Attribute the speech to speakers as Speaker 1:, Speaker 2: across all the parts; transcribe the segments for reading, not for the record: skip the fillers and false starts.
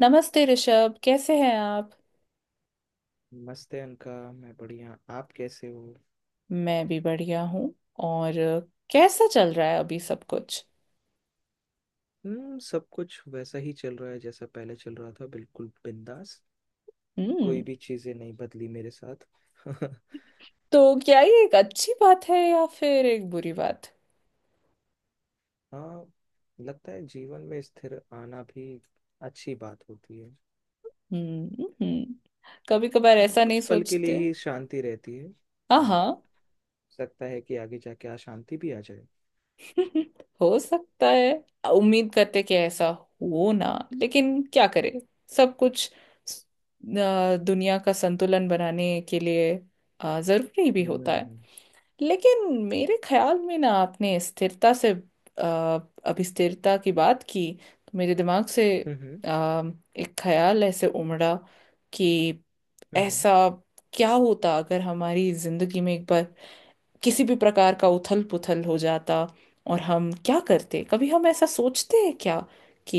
Speaker 1: नमस्ते ऋषभ, कैसे हैं आप?
Speaker 2: नमस्ते अनका, मैं बढ़िया। आप कैसे हो?
Speaker 1: मैं भी बढ़िया हूँ। और कैसा चल रहा है अभी सब कुछ?
Speaker 2: हम्म, सब कुछ वैसा ही चल रहा है जैसा पहले चल रहा था, बिल्कुल बिंदास।
Speaker 1: हम्म।
Speaker 2: कोई भी चीजें नहीं बदली मेरे साथ।
Speaker 1: तो क्या ये एक अच्छी बात है या फिर एक बुरी बात?
Speaker 2: हाँ, लगता है जीवन में स्थिर आना भी अच्छी बात होती है।
Speaker 1: हम्म। कभी कभार ऐसा
Speaker 2: कुछ
Speaker 1: नहीं
Speaker 2: पल के लिए
Speaker 1: सोचते?
Speaker 2: ही शांति रहती है,
Speaker 1: हाँ
Speaker 2: और
Speaker 1: हाँ।
Speaker 2: सकता है कि आगे जाके अशांति भी आ जाए।
Speaker 1: हो सकता है। उम्मीद करते कि ऐसा हो ना, लेकिन क्या करें, सब कुछ दुनिया का संतुलन बनाने के लिए जरूरी भी होता।
Speaker 2: हम्म।
Speaker 1: लेकिन मेरे ख्याल में ना, आपने स्थिरता से अभी स्थिरता की बात की, तो मेरे दिमाग से
Speaker 2: हम्म
Speaker 1: अ, एक ख्याल ऐसे उमड़ा कि
Speaker 2: हम्म,
Speaker 1: ऐसा क्या होता अगर हमारी जिंदगी में एक बार किसी भी प्रकार का उथल पुथल हो जाता, और हम क्या करते? कभी हम ऐसा सोचते हैं क्या कि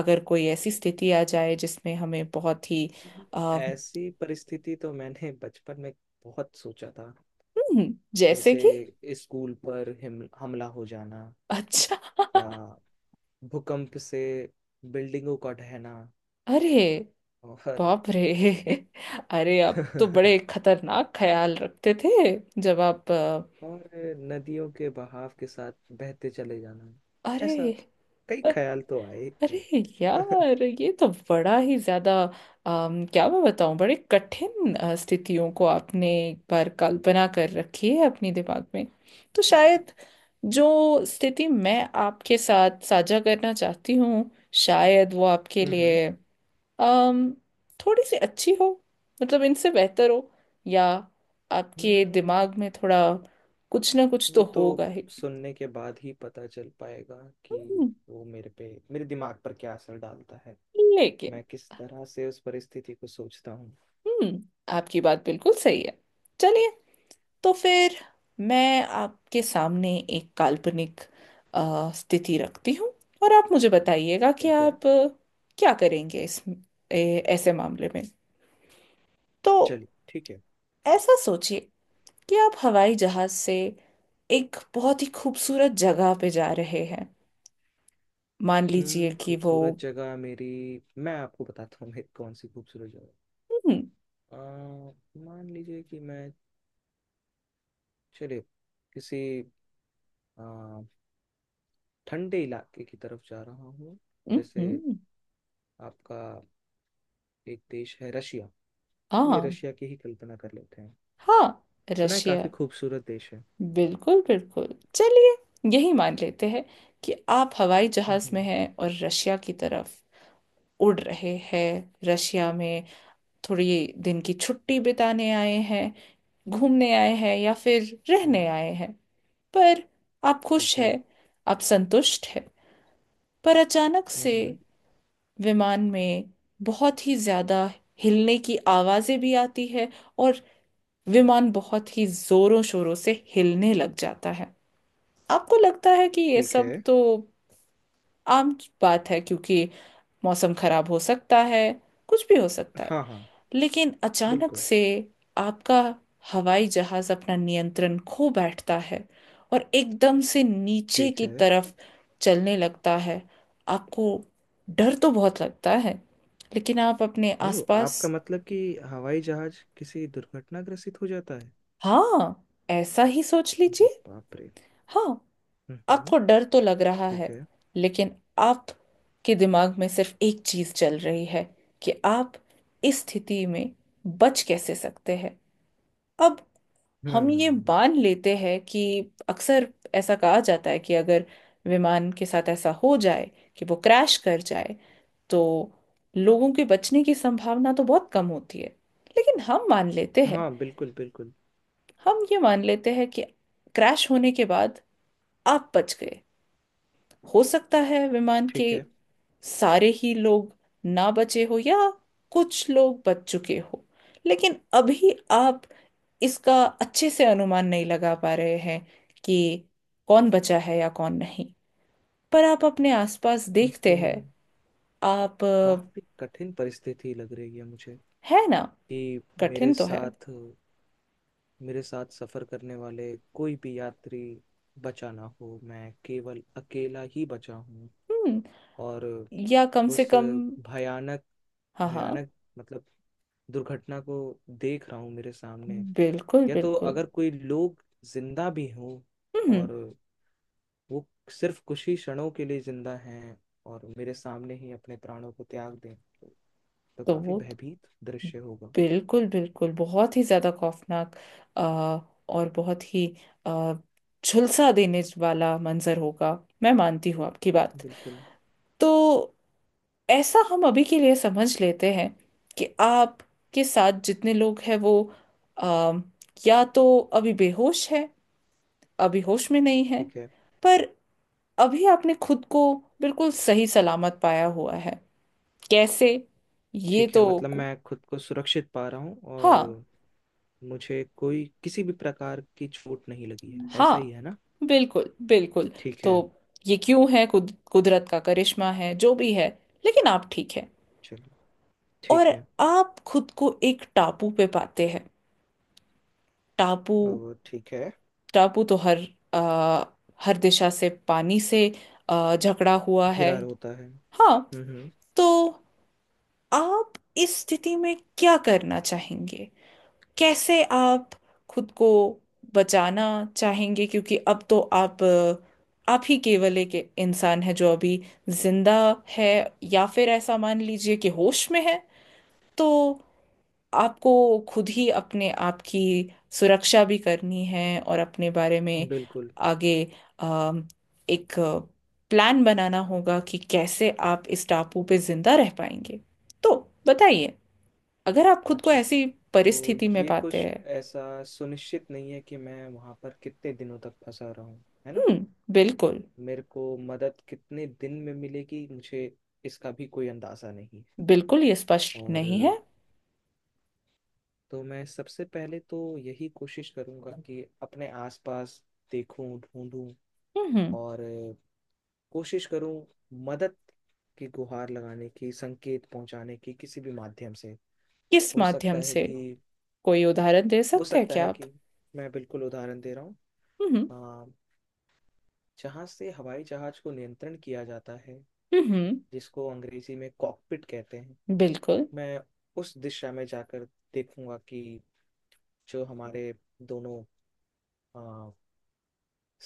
Speaker 1: अगर कोई ऐसी स्थिति आ जाए जिसमें हमें बहुत ही
Speaker 2: हम्म।
Speaker 1: अ, हम्म,
Speaker 2: ऐसी परिस्थिति तो मैंने बचपन में बहुत सोचा था।
Speaker 1: जैसे कि
Speaker 2: जैसे स्कूल पर हिम हमला हो जाना,
Speaker 1: अच्छा।
Speaker 2: या भूकंप से बिल्डिंगों का ढहना,
Speaker 1: अरे
Speaker 2: और
Speaker 1: बाप रे। अरे, आप तो बड़े खतरनाक ख्याल रखते थे जब आप
Speaker 2: और नदियों के बहाव के साथ बहते चले जाना। ऐसा
Speaker 1: अरे,
Speaker 2: कई
Speaker 1: अ-
Speaker 2: ख्याल तो आए ही
Speaker 1: अरे
Speaker 2: थे।
Speaker 1: यार, ये तो बड़ा ही ज्यादा। क्या मैं बताऊं, बड़े कठिन स्थितियों को आपने एक बार कल्पना कर रखी है अपने दिमाग में। तो शायद जो स्थिति मैं आपके साथ साझा करना चाहती हूँ, शायद वो आपके
Speaker 2: हम्म
Speaker 1: लिए अम थोड़ी सी अच्छी हो, मतलब इनसे बेहतर हो, या आपके
Speaker 2: हम्म,
Speaker 1: दिमाग में थोड़ा कुछ ना कुछ तो
Speaker 2: वो तो
Speaker 1: होगा ही।
Speaker 2: सुनने के बाद ही पता चल पाएगा कि
Speaker 1: हम्म,
Speaker 2: वो मेरे दिमाग पर क्या असर डालता है,
Speaker 1: लेकिन
Speaker 2: मैं किस तरह से उस परिस्थिति को सोचता हूँ।
Speaker 1: आपकी बात बिल्कुल सही है। चलिए, तो फिर मैं आपके सामने एक काल्पनिक स्थिति रखती हूँ, और आप मुझे बताइएगा कि
Speaker 2: ठीक है,
Speaker 1: आप क्या करेंगे इस ऐसे मामले में। तो
Speaker 2: चलिए ठीक है।
Speaker 1: ऐसा सोचिए कि आप हवाई जहाज से एक बहुत ही खूबसूरत जगह पे जा रहे हैं। मान लीजिए
Speaker 2: हम्म,
Speaker 1: कि वो,
Speaker 2: खूबसूरत जगह मेरी। मैं आपको बताता हूँ मेरी कौन सी खूबसूरत जगह।
Speaker 1: हम्म
Speaker 2: अ, मान लीजिए कि मैं चले किसी अ, ठंडे इलाके की तरफ जा रहा हूँ। जैसे
Speaker 1: हम्म।
Speaker 2: आपका एक देश है रशिया। चलिए
Speaker 1: हाँ
Speaker 2: रशिया की ही कल्पना कर लेते हैं।
Speaker 1: हाँ।
Speaker 2: सुना है
Speaker 1: रशिया।
Speaker 2: काफी खूबसूरत देश है।
Speaker 1: बिल्कुल बिल्कुल। चलिए, यही मान लेते हैं कि आप हवाई जहाज में
Speaker 2: हम्म
Speaker 1: हैं और रशिया की तरफ उड़ रहे हैं। रशिया में थोड़ी दिन की छुट्टी बिताने आए हैं, घूमने आए हैं या फिर रहने
Speaker 2: हम्म।
Speaker 1: आए हैं। पर आप
Speaker 2: ठीक
Speaker 1: खुश
Speaker 2: है।
Speaker 1: हैं, आप संतुष्ट हैं। पर अचानक से
Speaker 2: हम्म।
Speaker 1: विमान में बहुत ही ज्यादा हिलने की आवाजें भी आती है, और विमान बहुत ही जोरों शोरों से हिलने लग जाता है। आपको लगता है कि ये
Speaker 2: ठीक है।
Speaker 1: सब तो आम बात है, क्योंकि मौसम खराब हो सकता है, कुछ भी हो सकता है।
Speaker 2: हाँ हाँ,
Speaker 1: लेकिन अचानक
Speaker 2: बिल्कुल।
Speaker 1: से आपका हवाई जहाज अपना नियंत्रण खो बैठता है, और एकदम से नीचे
Speaker 2: ठीक
Speaker 1: की
Speaker 2: है।
Speaker 1: तरफ चलने लगता है। आपको डर तो बहुत लगता है, लेकिन आप अपने
Speaker 2: ओ,
Speaker 1: आसपास।
Speaker 2: आपका मतलब कि हवाई जहाज किसी दुर्घटनाग्रस्त हो जाता है।
Speaker 1: हाँ, ऐसा ही सोच
Speaker 2: अरे
Speaker 1: लीजिए।
Speaker 2: बाप रे।
Speaker 1: हाँ।
Speaker 2: हम्म।
Speaker 1: आपको डर तो लग रहा
Speaker 2: ठीक
Speaker 1: है,
Speaker 2: है।
Speaker 1: लेकिन आपके दिमाग में सिर्फ एक चीज चल रही है कि आप इस स्थिति में बच कैसे सकते हैं। अब हम ये
Speaker 2: हम्म।
Speaker 1: मान लेते हैं कि अक्सर ऐसा कहा जाता है कि अगर विमान के साथ ऐसा हो जाए कि वो क्रैश कर जाए, तो लोगों के बचने की संभावना तो बहुत कम होती है। लेकिन हम मान लेते हैं,
Speaker 2: हाँ बिल्कुल बिल्कुल।
Speaker 1: हम ये मान लेते हैं कि क्रैश होने के बाद आप बच गए। हो सकता है विमान के
Speaker 2: ठीक है।
Speaker 1: सारे ही लोग ना बचे हो, या कुछ लोग बच चुके हो, लेकिन अभी आप इसका अच्छे से अनुमान नहीं लगा पा रहे हैं कि कौन बचा है या कौन नहीं। पर आप अपने आसपास
Speaker 2: ये
Speaker 1: देखते
Speaker 2: तो
Speaker 1: हैं। आप
Speaker 2: काफी कठिन परिस्थिति लग रही है मुझे
Speaker 1: है ना?
Speaker 2: कि मेरे
Speaker 1: कठिन तो है।
Speaker 2: साथ मेरे साथ सफर करने वाले कोई भी यात्री बचा ना हो, मैं केवल अकेला ही बचा हूँ।
Speaker 1: हम्म।
Speaker 2: और
Speaker 1: या कम से
Speaker 2: उस
Speaker 1: कम,
Speaker 2: भयानक
Speaker 1: हाँ हाँ,
Speaker 2: भयानक मतलब दुर्घटना को देख रहा हूँ मेरे सामने।
Speaker 1: बिल्कुल
Speaker 2: या तो
Speaker 1: बिल्कुल।
Speaker 2: अगर कोई लोग जिंदा भी हों,
Speaker 1: हम्म।
Speaker 2: और वो सिर्फ कुछ ही क्षणों के लिए जिंदा हैं और मेरे सामने ही अपने प्राणों को त्याग दें तो
Speaker 1: तो
Speaker 2: काफी
Speaker 1: वो तो
Speaker 2: भयभीत दृश्य होगा।
Speaker 1: बिल्कुल बिल्कुल बहुत ही ज्यादा खौफनाक अ, और बहुत ही अ, झुलसा देने वाला मंजर होगा। मैं मानती हूँ आपकी बात।
Speaker 2: बिल्कुल।
Speaker 1: तो ऐसा हम अभी के लिए समझ लेते हैं कि आप के साथ जितने लोग हैं, वो अम, या तो अभी बेहोश है, अभी होश में नहीं है।
Speaker 2: ठीक है।
Speaker 1: पर अभी आपने खुद को बिल्कुल सही सलामत पाया हुआ है। कैसे? ये
Speaker 2: ठीक है,
Speaker 1: तो,
Speaker 2: मतलब मैं खुद को सुरक्षित पा रहा हूँ और
Speaker 1: हाँ
Speaker 2: मुझे कोई किसी भी प्रकार की चोट नहीं लगी है, ऐसा ही
Speaker 1: हाँ,
Speaker 2: है ना?
Speaker 1: बिल्कुल बिल्कुल।
Speaker 2: ठीक
Speaker 1: तो
Speaker 2: है।
Speaker 1: ये क्यों है, कुदरत का करिश्मा है, जो भी है, लेकिन आप ठीक है।
Speaker 2: चलो
Speaker 1: और
Speaker 2: ठीक है।
Speaker 1: आप खुद को एक टापू पे पाते हैं। टापू।
Speaker 2: और ठीक है।
Speaker 1: टापू तो हर आ, हर दिशा से पानी से जकड़ा हुआ है।
Speaker 2: घिरा होता है,
Speaker 1: हाँ।
Speaker 2: हम्म।
Speaker 1: तो आप इस स्थिति में क्या करना चाहेंगे? कैसे आप खुद को बचाना चाहेंगे? क्योंकि अब तो आप ही केवल एक इंसान है जो अभी जिंदा है, या फिर ऐसा मान लीजिए कि होश में है। तो आपको खुद ही अपने आप की सुरक्षा भी करनी है, और अपने बारे में
Speaker 2: बिल्कुल।
Speaker 1: आगे अम, एक प्लान बनाना होगा कि कैसे आप इस टापू पे जिंदा रह पाएंगे। तो बताइए, अगर आप खुद को
Speaker 2: अच्छा,
Speaker 1: ऐसी
Speaker 2: तो
Speaker 1: परिस्थिति में
Speaker 2: ये
Speaker 1: पाते
Speaker 2: कुछ
Speaker 1: हैं।
Speaker 2: ऐसा सुनिश्चित नहीं है कि मैं वहां पर कितने दिनों तक फंसा रहूं, है ना?
Speaker 1: हम्म, बिल्कुल।
Speaker 2: मेरे को मदद कितने दिन में मिलेगी मुझे, इसका भी कोई अंदाज़ा नहीं है।
Speaker 1: बिल्कुल ये स्पष्ट
Speaker 2: और
Speaker 1: नहीं है।
Speaker 2: तो मैं सबसे पहले तो यही कोशिश करूँगा कि अपने आसपास देखूं ढूंढूं,
Speaker 1: हम्म।
Speaker 2: और कोशिश करूं मदद की गुहार लगाने की, संकेत पहुंचाने की किसी भी माध्यम से।
Speaker 1: किस
Speaker 2: हो सकता
Speaker 1: माध्यम
Speaker 2: है
Speaker 1: से?
Speaker 2: कि
Speaker 1: कोई उदाहरण दे
Speaker 2: हो
Speaker 1: सकते हैं
Speaker 2: सकता
Speaker 1: क्या
Speaker 2: है
Speaker 1: आप?
Speaker 2: कि मैं बिल्कुल उदाहरण दे रहा हूँ।
Speaker 1: हम्म
Speaker 2: जहाँ से हवाई जहाज को नियंत्रण किया जाता है,
Speaker 1: हम्म।
Speaker 2: जिसको अंग्रेजी में कॉकपिट कहते हैं,
Speaker 1: बिल्कुल।
Speaker 2: मैं उस दिशा में जाकर देखूंगा कि जो हमारे दोनों अ,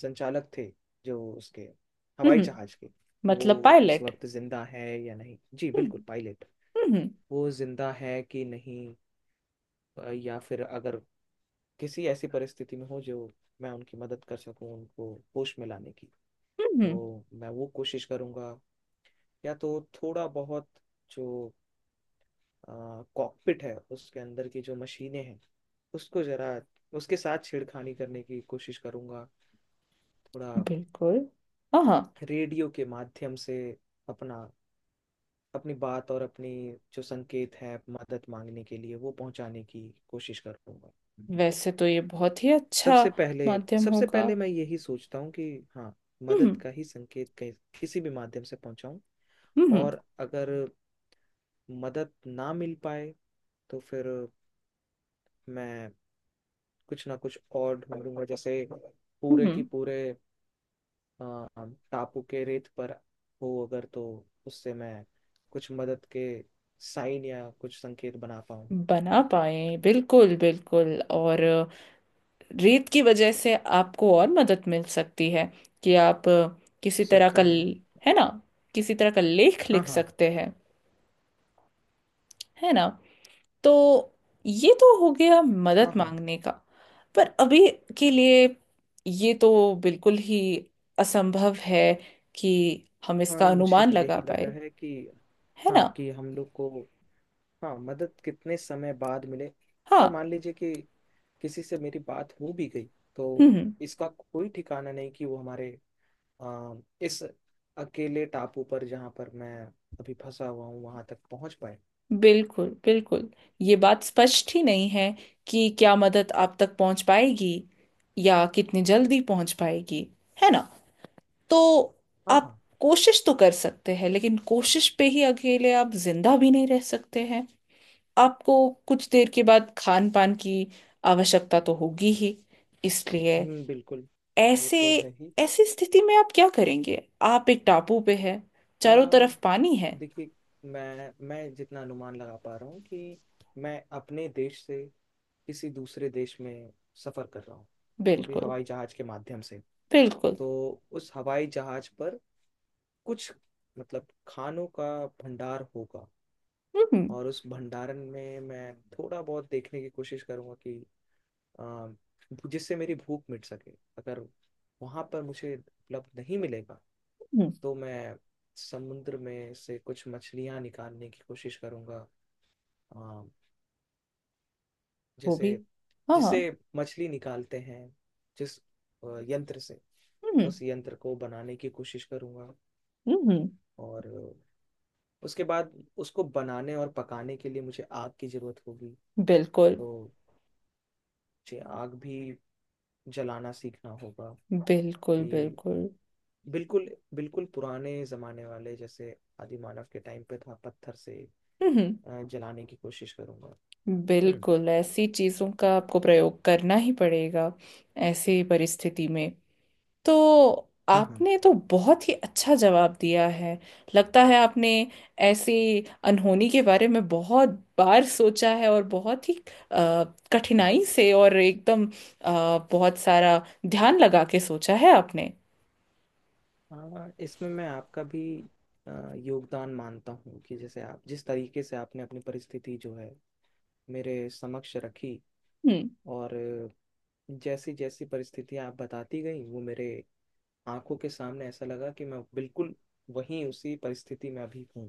Speaker 2: संचालक थे, जो उसके हवाई
Speaker 1: हम्म,
Speaker 2: जहाज के, वो
Speaker 1: मतलब
Speaker 2: इस
Speaker 1: पायलट।
Speaker 2: वक्त जिंदा है या नहीं। जी
Speaker 1: हम्म
Speaker 2: बिल्कुल पायलट।
Speaker 1: हम्म।
Speaker 2: वो जिंदा है कि नहीं, या फिर अगर किसी ऐसी परिस्थिति में हो जो मैं उनकी मदद कर सकूं उनको होश में लाने की,
Speaker 1: हम्म,
Speaker 2: तो मैं वो कोशिश करूंगा। या तो थोड़ा बहुत जो कॉकपिट है उसके अंदर की जो मशीनें हैं, उसको जरा उसके साथ छेड़खानी करने की कोशिश करूंगा थोड़ा,
Speaker 1: बिल्कुल। हाँ हाँ,
Speaker 2: रेडियो के माध्यम से अपना, अपनी बात और अपनी जो संकेत है मदद मांगने के लिए वो पहुंचाने की कोशिश करूंगा।
Speaker 1: वैसे तो ये बहुत ही अच्छा
Speaker 2: सबसे पहले
Speaker 1: माध्यम
Speaker 2: सबसे
Speaker 1: होगा।
Speaker 2: पहले मैं यही सोचता हूँ कि हाँ, मदद
Speaker 1: हम्म
Speaker 2: का ही संकेत कहीं- किसी भी माध्यम से पहुंचाऊं।
Speaker 1: हम्म
Speaker 2: और अगर मदद ना मिल पाए, तो फिर मैं कुछ ना कुछ और ढूंढूंगा। जैसे
Speaker 1: हम्म।
Speaker 2: पूरे की पूरे अ, टापू के रेत पर हो अगर, तो उससे मैं कुछ मदद के साइन या कुछ संकेत बना पाऊँ। हो
Speaker 1: बना पाए, बिल्कुल बिल्कुल। और रेत की वजह से आपको और मदद मिल सकती है कि आप किसी तरह
Speaker 2: सकता
Speaker 1: का
Speaker 2: है।
Speaker 1: है ना? किसी तरह का लेख
Speaker 2: हाँ
Speaker 1: लिख
Speaker 2: हाँ।
Speaker 1: सकते हैं, है ना? तो ये तो हो गया
Speaker 2: हाँ।
Speaker 1: मदद
Speaker 2: हाँ,
Speaker 1: मांगने का। पर अभी के लिए ये तो बिल्कुल ही असंभव है कि हम
Speaker 2: हाँ
Speaker 1: इसका
Speaker 2: मुझे
Speaker 1: अनुमान
Speaker 2: भी
Speaker 1: लगा
Speaker 2: यही लग रहा
Speaker 1: पाए,
Speaker 2: है कि,
Speaker 1: है ना?
Speaker 2: हाँ कि हम लोग को, हाँ, मदद कितने समय बाद मिले। अगर
Speaker 1: हाँ।
Speaker 2: मान लीजिए कि किसी से मेरी बात हो भी गई, तो
Speaker 1: हम्म हम्म,
Speaker 2: इसका कोई ठिकाना नहीं कि वो हमारे आ, इस अकेले टापू पर जहाँ पर मैं अभी फंसा हुआ हूँ, वहां तक पहुंच पाए।
Speaker 1: बिल्कुल बिल्कुल। ये बात स्पष्ट ही नहीं है कि क्या मदद आप तक पहुंच पाएगी, या कितनी जल्दी पहुंच पाएगी, है ना? तो
Speaker 2: हाँ
Speaker 1: आप
Speaker 2: हाँ।
Speaker 1: कोशिश तो कर सकते हैं, लेकिन कोशिश पे ही अकेले आप जिंदा भी नहीं रह सकते हैं। आपको कुछ देर के बाद खान पान की आवश्यकता तो होगी ही, इसलिए
Speaker 2: बिल्कुल। वो
Speaker 1: ऐसे
Speaker 2: तो है ही।
Speaker 1: ऐसी स्थिति में आप क्या करेंगे? आप एक टापू पे हैं,
Speaker 2: आ,
Speaker 1: चारों तरफ पानी है।
Speaker 2: देखिए, मैं जितना अनुमान लगा पा रहा हूँ कि मैं अपने देश से किसी दूसरे देश में सफर कर रहा हूँ, वो भी
Speaker 1: बिल्कुल
Speaker 2: हवाई जहाज के माध्यम से,
Speaker 1: बिल्कुल।
Speaker 2: तो उस हवाई जहाज पर कुछ मतलब खानों का भंडार होगा।
Speaker 1: हम्म
Speaker 2: और उस भंडारण में मैं थोड़ा बहुत देखने की कोशिश करूंगा कि अ, जिससे मेरी भूख मिट सके। अगर वहां पर मुझे उपलब्ध नहीं मिलेगा,
Speaker 1: हम्म,
Speaker 2: तो मैं समुद्र में से कुछ मछलियां निकालने की कोशिश करूंगा। अ,
Speaker 1: वो
Speaker 2: जैसे
Speaker 1: भी। हाँ हाँ।
Speaker 2: जिसे मछली निकालते हैं, जिस यंत्र से,
Speaker 1: हम्म
Speaker 2: उस यंत्र को बनाने की कोशिश करूंगा।
Speaker 1: हम्म।
Speaker 2: और उसके बाद उसको बनाने और पकाने के लिए मुझे आग की जरूरत होगी।
Speaker 1: बिल्कुल
Speaker 2: तो मुझे आग भी जलाना सीखना होगा।
Speaker 1: बिल्कुल
Speaker 2: कि
Speaker 1: बिल्कुल।
Speaker 2: बिल्कुल, बिल्कुल पुराने जमाने वाले जैसे आदि मानव के टाइम पे था पत्थर से
Speaker 1: हम्म।
Speaker 2: जलाने की कोशिश करूंगा। हम्म।
Speaker 1: बिल्कुल, ऐसी चीजों का आपको प्रयोग करना ही पड़ेगा ऐसी परिस्थिति में। तो
Speaker 2: हाँ हाँ।
Speaker 1: आपने तो बहुत ही अच्छा जवाब दिया है। लगता है आपने ऐसी अनहोनी के बारे में बहुत बार सोचा है, और बहुत ही अ, कठिनाई से, और एकदम बहुत सारा ध्यान लगा के सोचा है आपने।
Speaker 2: हाँ, इसमें मैं आपका भी योगदान मानता हूँ कि जैसे आप जिस तरीके से आपने अपनी परिस्थिति जो है मेरे समक्ष रखी,
Speaker 1: हम्म।
Speaker 2: और जैसी जैसी परिस्थितियाँ आप बताती गई, वो मेरे आंखों के सामने ऐसा लगा कि मैं बिल्कुल वहीं उसी परिस्थिति में अभी हूँ,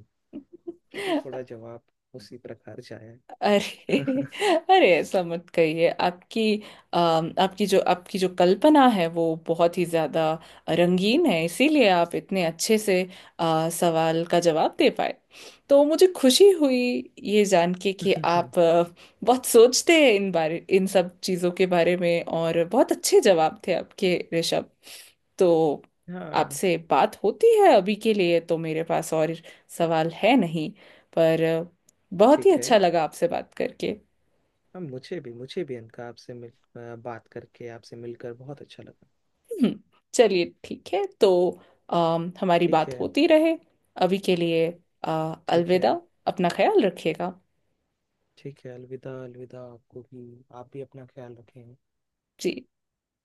Speaker 2: तभी थोड़ा जवाब उसी प्रकार से आया।
Speaker 1: अरे, अरे, ऐसा मत कहिए। आपकी आपकी जो कल्पना है वो बहुत ही ज्यादा रंगीन है, इसीलिए आप इतने अच्छे से सवाल का जवाब दे पाए। तो मुझे खुशी हुई ये जान के कि आप बहुत सोचते हैं इन सब चीजों के बारे में, और बहुत अच्छे जवाब थे आपके, ऋषभ। तो
Speaker 2: हाँ,
Speaker 1: आपसे बात होती है। अभी के लिए तो मेरे पास और सवाल है नहीं, पर बहुत ही
Speaker 2: ठीक है।
Speaker 1: अच्छा लगा आपसे बात करके।
Speaker 2: हाँ, मुझे भी अनका आपसे बात करके आपसे मिलकर बहुत अच्छा लगा।
Speaker 1: हम्म, चलिए ठीक है। तो हमारी
Speaker 2: ठीक
Speaker 1: बात
Speaker 2: है।
Speaker 1: होती रहे। अभी के लिए,
Speaker 2: ठीक है।
Speaker 1: अलविदा। अपना ख्याल रखिएगा।
Speaker 2: ठीक है, अलविदा। अलविदा आपको भी, आप भी अपना ख्याल रखें।
Speaker 1: जी।